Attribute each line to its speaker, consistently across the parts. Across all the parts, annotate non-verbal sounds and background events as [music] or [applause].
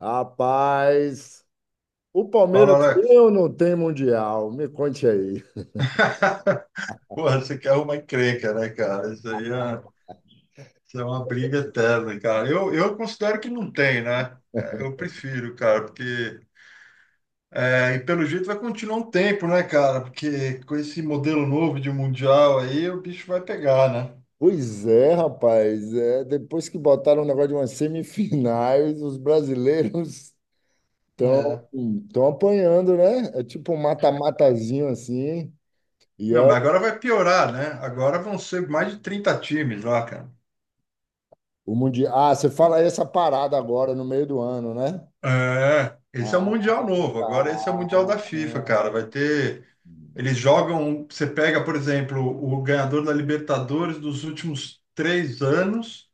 Speaker 1: Rapaz, o Palmeiras
Speaker 2: Fala,
Speaker 1: tem
Speaker 2: Alex.
Speaker 1: ou não tem Mundial? Me conte aí.
Speaker 2: [laughs] Porra, você quer uma encrenca, né, cara? Isso é uma briga eterna, cara. Eu considero que não tem, né? Eu prefiro, cara, porque. E pelo jeito vai continuar um tempo, né, cara? Porque com esse modelo novo de mundial aí, o bicho vai pegar, né?
Speaker 1: Pois é, rapaz. É, depois que botaram o negócio de umas semifinais, os brasileiros estão
Speaker 2: É.
Speaker 1: estão apanhando, né? É tipo um mata-matazinho assim. E
Speaker 2: Não,
Speaker 1: é
Speaker 2: mas agora vai piorar, né? Agora vão ser mais de 30 times lá, cara.
Speaker 1: o Mundial. Ah, você fala essa parada agora, no meio do ano, né?
Speaker 2: É, esse é o
Speaker 1: Ah,
Speaker 2: Mundial novo.
Speaker 1: tá.
Speaker 2: Agora esse é o Mundial da FIFA, cara. Vai ter. Eles jogam. Você pega, por exemplo, o ganhador da Libertadores dos últimos três anos.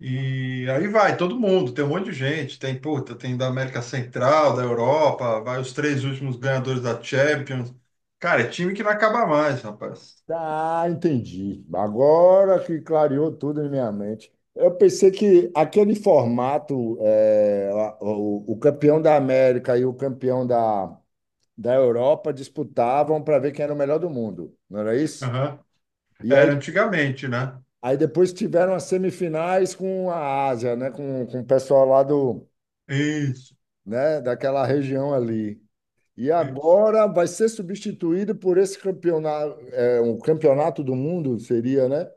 Speaker 2: E aí vai todo mundo, tem um monte de gente, tem, puta, tem da América Central, da Europa, vai os três últimos ganhadores da Champions. Cara, é time que não acaba mais, rapaz.
Speaker 1: Ah, entendi. Agora que clareou tudo em minha mente. Eu pensei que aquele formato, o campeão da América e o campeão da, Europa disputavam para ver quem era o melhor do mundo, não era isso?
Speaker 2: Aham.
Speaker 1: E aí,
Speaker 2: Era antigamente, né?
Speaker 1: depois tiveram as semifinais com a Ásia, né? Com, o pessoal lá do,
Speaker 2: Isso.
Speaker 1: né? Daquela região ali. E
Speaker 2: Isso.
Speaker 1: agora vai ser substituído por esse campeonato, um campeonato do mundo, seria, né?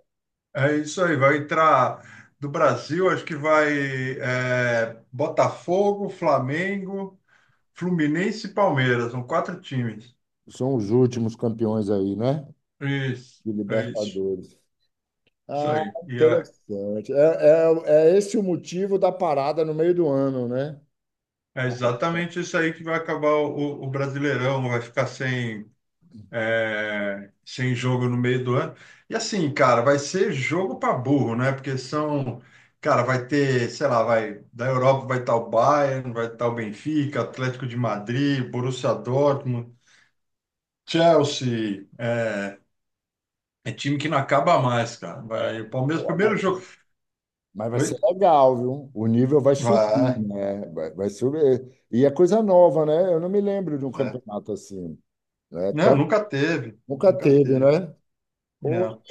Speaker 2: É isso aí, vai entrar do Brasil, Acho que vai Botafogo, Flamengo, Fluminense e Palmeiras, são quatro times.
Speaker 1: São os últimos campeões aí, né?
Speaker 2: Isso,
Speaker 1: De
Speaker 2: é isso,
Speaker 1: Libertadores.
Speaker 2: isso
Speaker 1: Ah,
Speaker 2: aí.
Speaker 1: interessante. É esse o motivo da parada no meio do ano, né?
Speaker 2: É exatamente isso aí que vai acabar o Brasileirão, vai ficar sem sem jogo no meio do ano. E assim, cara, vai ser jogo para burro, né? Porque são, cara, vai ter, sei lá, vai da Europa vai estar o Bayern, vai estar o Benfica, Atlético de Madrid, Borussia Dortmund, Chelsea, é time que não acaba mais, cara.
Speaker 1: É.
Speaker 2: Vai, o Palmeiras
Speaker 1: Pô,
Speaker 2: primeiro
Speaker 1: mas
Speaker 2: jogo.
Speaker 1: vai
Speaker 2: Oi?
Speaker 1: ser legal, viu? O nível vai subir,
Speaker 2: Vai.
Speaker 1: né? Vai subir. E é coisa nova, né? Eu não me lembro de um
Speaker 2: É.
Speaker 1: campeonato assim. Né? Então,
Speaker 2: Não, nunca teve,
Speaker 1: nunca
Speaker 2: nunca
Speaker 1: teve,
Speaker 2: teve.
Speaker 1: né? Poxa,
Speaker 2: Não.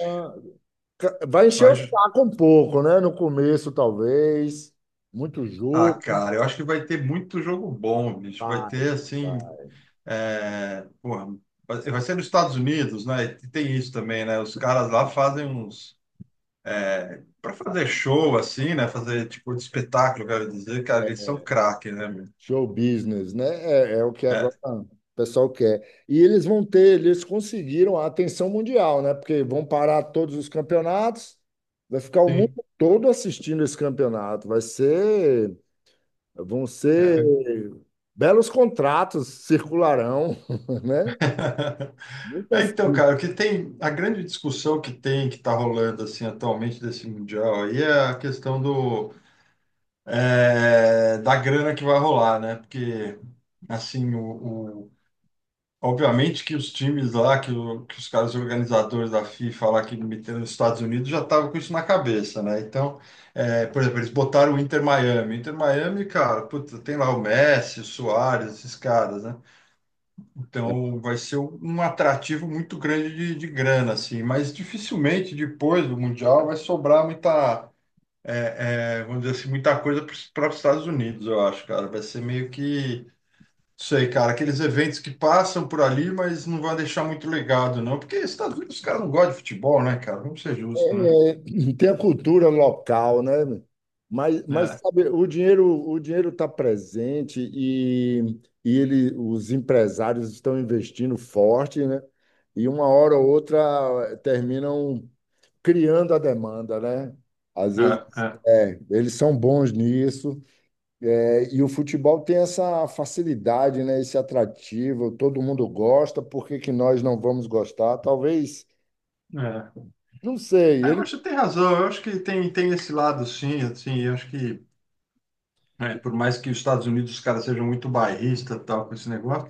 Speaker 1: vai encher o
Speaker 2: Vai,
Speaker 1: saco um pouco, né? No começo, talvez. Muito
Speaker 2: ah,
Speaker 1: jogo.
Speaker 2: cara, eu acho que vai ter muito jogo bom, bicho. Vai
Speaker 1: Vai.
Speaker 2: ter assim.
Speaker 1: Vai.
Speaker 2: É, porra, vai ser nos Estados Unidos, né? E tem isso também, né? Os caras lá fazem uns. É, para fazer show, assim, né? Fazer tipo de espetáculo, quero dizer, cara, eles são
Speaker 1: É.
Speaker 2: craque, né, meu?
Speaker 1: Show business, né? É o que
Speaker 2: É,
Speaker 1: agora o pessoal quer. E eles conseguiram a atenção mundial, né? Porque vão parar todos os campeonatos, vai ficar o mundo
Speaker 2: sim.
Speaker 1: todo assistindo esse campeonato. Vão ser
Speaker 2: É.
Speaker 1: belos contratos circularão, [laughs] né?
Speaker 2: [laughs] É,
Speaker 1: Muitas.
Speaker 2: então, cara, o que tem. A grande discussão que tem, que tá rolando, assim, atualmente desse Mundial aí é a questão do. Da grana que vai rolar, né? Porque, assim, obviamente que os times lá, que os caras organizadores da FIFA lá que meteram nos Estados Unidos já estavam com isso na cabeça, né? Então, por exemplo, eles botaram o Inter Miami. Inter Miami, cara, puta, tem lá o Messi, o Suárez, esses caras, né? Então vai ser um atrativo muito grande de grana, assim, mas dificilmente depois do Mundial vai sobrar muita, vamos dizer assim, muita coisa para os Estados Unidos, eu acho, cara. Vai ser meio que sei, cara, aqueles eventos que passam por ali, mas não vai deixar muito legado, não. Porque Estados Unidos, os caras não gostam de futebol, né, cara? Vamos ser justos, né?
Speaker 1: É, tem a cultura local, né? Mas,
Speaker 2: É,
Speaker 1: sabe, o dinheiro está presente e, ele, os empresários estão investindo forte, né? E uma hora ou outra terminam criando a demanda, né? Às
Speaker 2: é,
Speaker 1: vezes,
Speaker 2: é,
Speaker 1: eles são bons nisso. É, e o futebol tem essa facilidade, né? Esse atrativo, todo mundo gosta, por que que nós não vamos gostar? Talvez,
Speaker 2: é.
Speaker 1: não sei,
Speaker 2: Ah, eu
Speaker 1: ele
Speaker 2: acho que tem razão, eu acho que tem esse lado, sim, assim, eu acho que, por mais que os Estados Unidos, os caras sejam muito bairristas e tal, com esse negócio,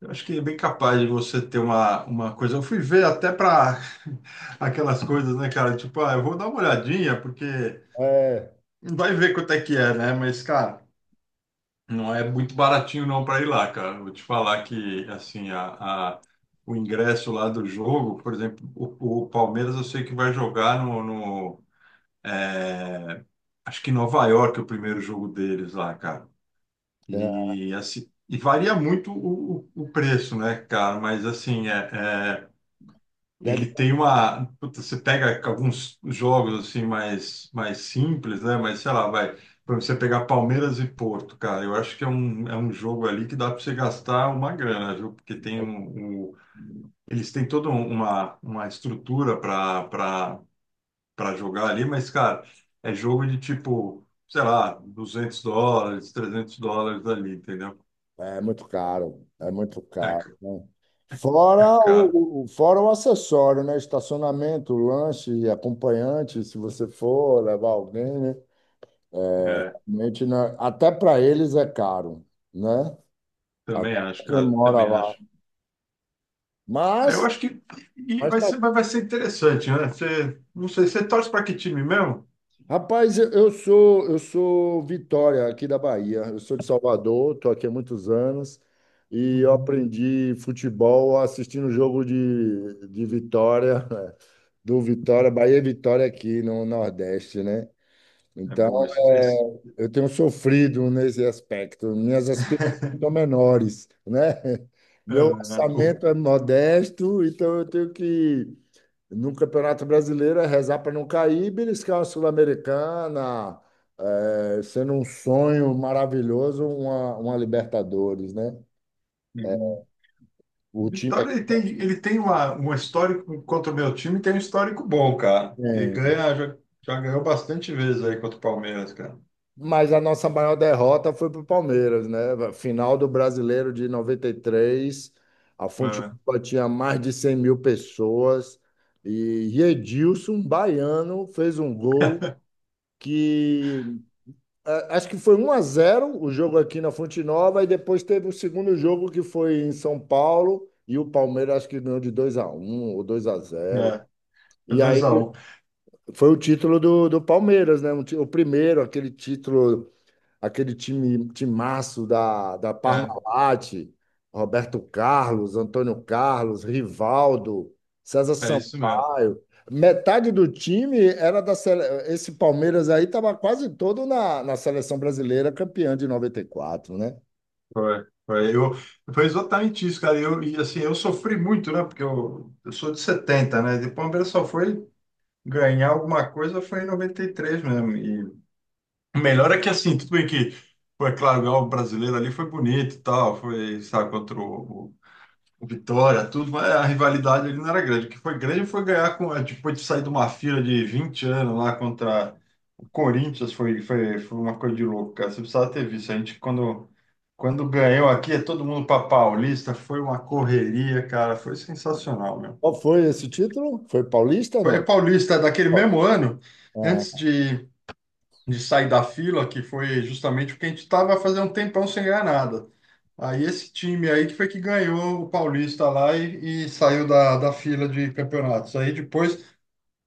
Speaker 2: eu acho que é bem capaz de você ter uma coisa. Eu fui ver até para [laughs] aquelas coisas, né, cara? Tipo, ah, eu vou dar uma olhadinha, porque
Speaker 1: é,
Speaker 2: vai ver quanto é que é, né? Mas, cara. Não é muito baratinho não para ir lá, cara. Vou te falar que assim o ingresso lá do jogo, por exemplo, o Palmeiras eu sei que vai jogar no, acho que em Nova York é o primeiro jogo deles lá, cara.
Speaker 1: é,
Speaker 2: E assim e varia muito o preço, né, cara? Mas assim é,
Speaker 1: deve.
Speaker 2: ele tem uma. Puta, você pega alguns jogos assim mais simples, né? Mas sei lá, vai. Por exemplo, você pegar Palmeiras e Porto, cara, eu acho que é é um jogo ali que dá para você gastar uma grana, viu? Porque tem eles têm toda uma estrutura para para jogar ali, mas, cara, é jogo de tipo, sei lá, US$ 200, US$ 300 ali, entendeu?
Speaker 1: É muito caro, é muito
Speaker 2: É,
Speaker 1: caro,
Speaker 2: ca-
Speaker 1: né?
Speaker 2: é
Speaker 1: Fora
Speaker 2: caro.
Speaker 1: o, o- fora o acessório, né? Estacionamento, lanche, acompanhante, se você for levar alguém, né?
Speaker 2: É,
Speaker 1: Realmente, né? Até para eles é caro, né?
Speaker 2: também
Speaker 1: Até
Speaker 2: acho,
Speaker 1: pra quem
Speaker 2: cara,
Speaker 1: mora
Speaker 2: também
Speaker 1: lá.
Speaker 2: acho. É, eu
Speaker 1: Mas,
Speaker 2: acho que
Speaker 1: mas
Speaker 2: vai
Speaker 1: tá-
Speaker 2: ser, vai ser interessante, né? Você, não sei, você torce para que time mesmo?
Speaker 1: rapaz, eu sou Vitória aqui da Bahia. Eu sou de Salvador, estou aqui há muitos anos e eu
Speaker 2: Uhum.
Speaker 1: aprendi futebol assistindo o jogo de, Vitória. [laughs] Do Vitória, Bahia e Vitória aqui no Nordeste, né?
Speaker 2: É
Speaker 1: Então,
Speaker 2: bom esse,
Speaker 1: é,
Speaker 2: esse...
Speaker 1: eu tenho sofrido nesse aspecto. Minhas aspirações
Speaker 2: [laughs]
Speaker 1: são menores, né? [laughs]
Speaker 2: Ah,
Speaker 1: Meu
Speaker 2: o-
Speaker 1: orçamento é modesto, então eu tenho que, no Campeonato Brasileiro, é rezar para não cair, e beliscar uma Sul-Americana, sendo um sonho maravilhoso, uma, Libertadores, né?
Speaker 2: Uhum. O
Speaker 1: O time
Speaker 2: Vitória
Speaker 1: aqui
Speaker 2: ele tem um histórico contra o meu time, tem um histórico bom, cara. Ele
Speaker 1: é.
Speaker 2: ganha, já, já ganhou bastante vezes aí contra o Palmeiras, cara.
Speaker 1: Mas a nossa maior derrota foi para o Palmeiras, né? Final do Brasileiro de 93, a Fonte
Speaker 2: É,
Speaker 1: Nova tinha mais de 100 mil pessoas e Edilson, baiano, fez um gol que acho que foi 1-0 o jogo aqui na Fonte Nova e depois teve o segundo jogo que foi em São Paulo e o Palmeiras acho que ganhou de 2-1 ou 2-0.
Speaker 2: é, é
Speaker 1: E aí
Speaker 2: 2x1.
Speaker 1: foi o título do, Palmeiras, né? O primeiro, aquele título, aquele time, timaço da,
Speaker 2: É,
Speaker 1: Parmalat, Roberto Carlos, Antônio Carlos, Rivaldo, César
Speaker 2: é isso mesmo.
Speaker 1: Sampaio. Metade do time era da sele... Esse Palmeiras aí estava quase todo na, seleção brasileira, campeã de noventa e quatro, né?
Speaker 2: Foi, foi, eu, foi exatamente isso, cara. Eu, e assim, eu sofri muito, né? Porque eu sou de 70, né? E o Palmeiras só foi ganhar alguma coisa foi em 93 mesmo. E o melhor é que, assim, tudo bem que foi, claro, ganhar o brasileiro ali foi bonito e tal, foi, sabe, contra o Vitória, tudo, mas a rivalidade ali não era grande. O que foi grande foi ganhar com, depois de sair de uma fila de 20 anos lá contra o Corinthians, foi uma coisa de louco, cara. Você precisava ter visto. A gente, quando. Quando ganhou aqui, é todo mundo para Paulista, foi uma correria, cara, foi sensacional, mesmo.
Speaker 1: Qual foi esse título? Foi paulista,
Speaker 2: Foi
Speaker 1: não?
Speaker 2: Paulista daquele
Speaker 1: Ó,
Speaker 2: mesmo ano, antes
Speaker 1: é,
Speaker 2: de sair da fila, que foi justamente porque a gente estava fazendo um tempão sem ganhar nada. Aí esse time aí que foi que ganhou o Paulista lá e saiu da fila de campeonatos. Aí depois,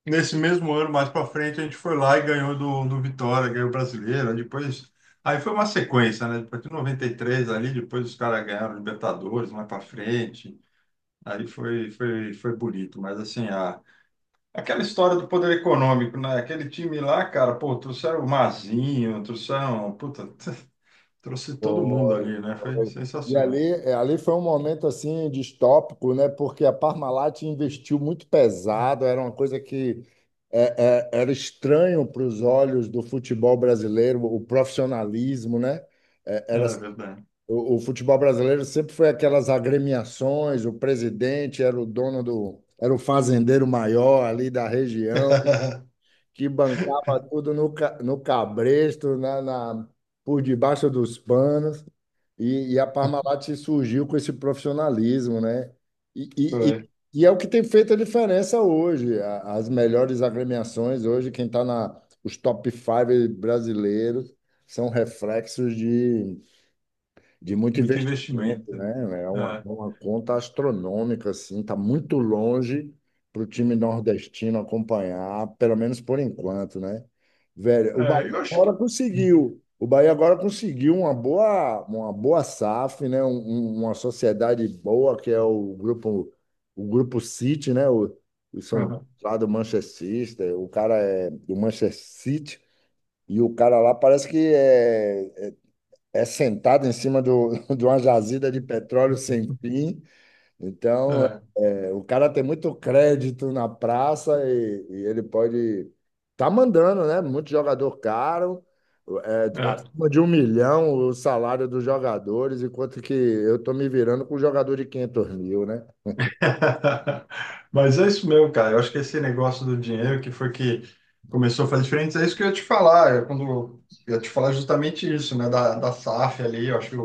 Speaker 2: nesse mesmo ano, mais para frente, a gente foi lá e ganhou do, do Vitória, ganhou o Brasileiro. Aí depois, aí foi uma sequência, né? Depois de 93 ali, depois os caras ganharam Libertadores mais para frente. Aí foi bonito. Mas assim, a, aquela história do poder econômico, né? Aquele time lá, cara, pô, trouxeram o Mazinho, trouxeram, puta, [laughs] trouxe todo mundo ali, né? Foi
Speaker 1: Foi. E ali,
Speaker 2: sensacional.
Speaker 1: ali foi um momento assim distópico, né? Porque a Parmalat investiu muito pesado, era uma coisa que era estranho para os olhos do futebol brasileiro, o profissionalismo, né?
Speaker 2: É
Speaker 1: Era,
Speaker 2: verdade.
Speaker 1: o futebol brasileiro sempre foi aquelas agremiações, o presidente era o dono do, era o fazendeiro maior ali da região
Speaker 2: [laughs]
Speaker 1: que bancava tudo no cabresto, por debaixo dos panos, e, a Parmalat se surgiu com esse profissionalismo, né? E, e-
Speaker 2: Foi.
Speaker 1: e- e é o que tem feito a diferença hoje. As melhores agremiações hoje, quem está na os top five brasileiros são reflexos de muito
Speaker 2: Muito
Speaker 1: investimento,
Speaker 2: investimento.
Speaker 1: né? É uma,
Speaker 2: É,
Speaker 1: é uma conta astronômica, assim, está muito longe para o time nordestino acompanhar, pelo menos por enquanto, né? Velho, o Bahia
Speaker 2: é, eu acho que.
Speaker 1: agora conseguiu. O Bahia agora conseguiu uma boa SAF, né? Uma sociedade boa, que é o grupo City, né? O São
Speaker 2: Uhum.
Speaker 1: lá do Manchester City, o cara é do Manchester City, e o cara lá parece que é sentado em cima do, [laughs] de uma jazida de petróleo sem fim. Então,
Speaker 2: É,
Speaker 1: o cara tem muito crédito na praça e, ele pode tá mandando, né? Muito jogador caro,
Speaker 2: é.
Speaker 1: acima de um milhão o salário dos jogadores, enquanto que eu tô me virando com um jogador de 500 mil, né?
Speaker 2: [laughs] Mas é isso mesmo, cara. Eu acho que esse negócio do dinheiro que foi que começou a fazer diferença, é isso que eu ia te falar. Eu, quando, eu ia te falar justamente isso, né? Da SAF ali, eu acho que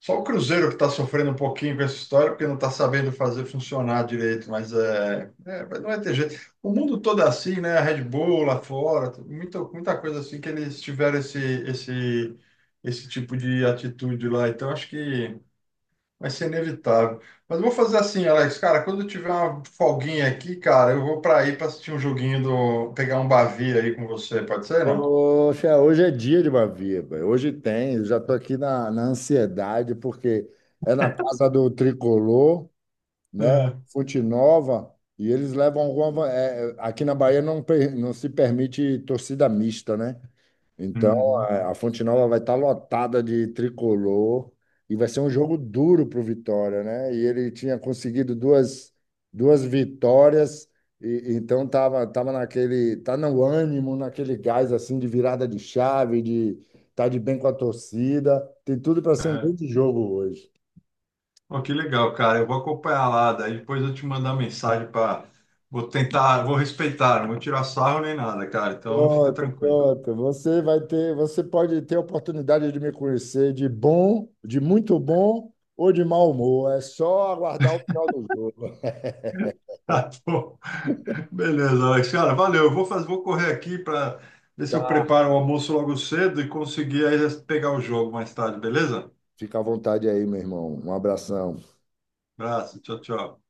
Speaker 2: só o Cruzeiro que está sofrendo um pouquinho com essa história, porque não está sabendo fazer funcionar direito, mas mas não vai ter jeito. O mundo todo é assim, né? A Red Bull lá fora, muita coisa assim que eles tiveram esse tipo de atitude lá. Então, acho que vai ser inevitável. Mas eu vou fazer assim, Alex, cara, quando eu tiver uma folguinha aqui, cara, eu vou para aí para assistir um joguinho do, pegar um bavi aí com você, pode ser, não?
Speaker 1: Poxa, hoje é dia de Bavia, velho. Hoje tem, eu já tô aqui na, ansiedade, porque é na casa do Tricolor, né?
Speaker 2: É,
Speaker 1: Fonte Nova, e eles levam alguma. Aqui na Bahia não, não se permite torcida mista, né? Então
Speaker 2: uhum,
Speaker 1: a, Fonte Nova vai estar lotada de tricolor e vai ser um jogo duro para o Vitória, né? E ele tinha conseguido duas, vitórias. E então tava naquele, tá no ânimo, naquele gás assim de virada de chave, de tá de bem com a torcida, tem tudo para ser um
Speaker 2: é.
Speaker 1: grande jogo hoje.
Speaker 2: Ó, que legal, cara. Eu vou acompanhar lá, daí depois eu te mandar mensagem para. Vou tentar, vou respeitar, não vou tirar sarro nem nada, cara. Então fica
Speaker 1: Pronto,
Speaker 2: tranquilo. [laughs]
Speaker 1: pronto. Você vai ter, você pode ter a oportunidade de me conhecer de bom, de muito bom ou de mau humor. É só aguardar o final do jogo.
Speaker 2: Tá bom. Beleza, Alex. Cara, valeu. Eu vou fazer, vou correr aqui para ver se eu
Speaker 1: Tá.
Speaker 2: preparo o almoço logo cedo e conseguir aí pegar o jogo mais tarde, beleza?
Speaker 1: Fica à vontade aí, meu irmão. Um abração.
Speaker 2: Abraço, tchau, tchau.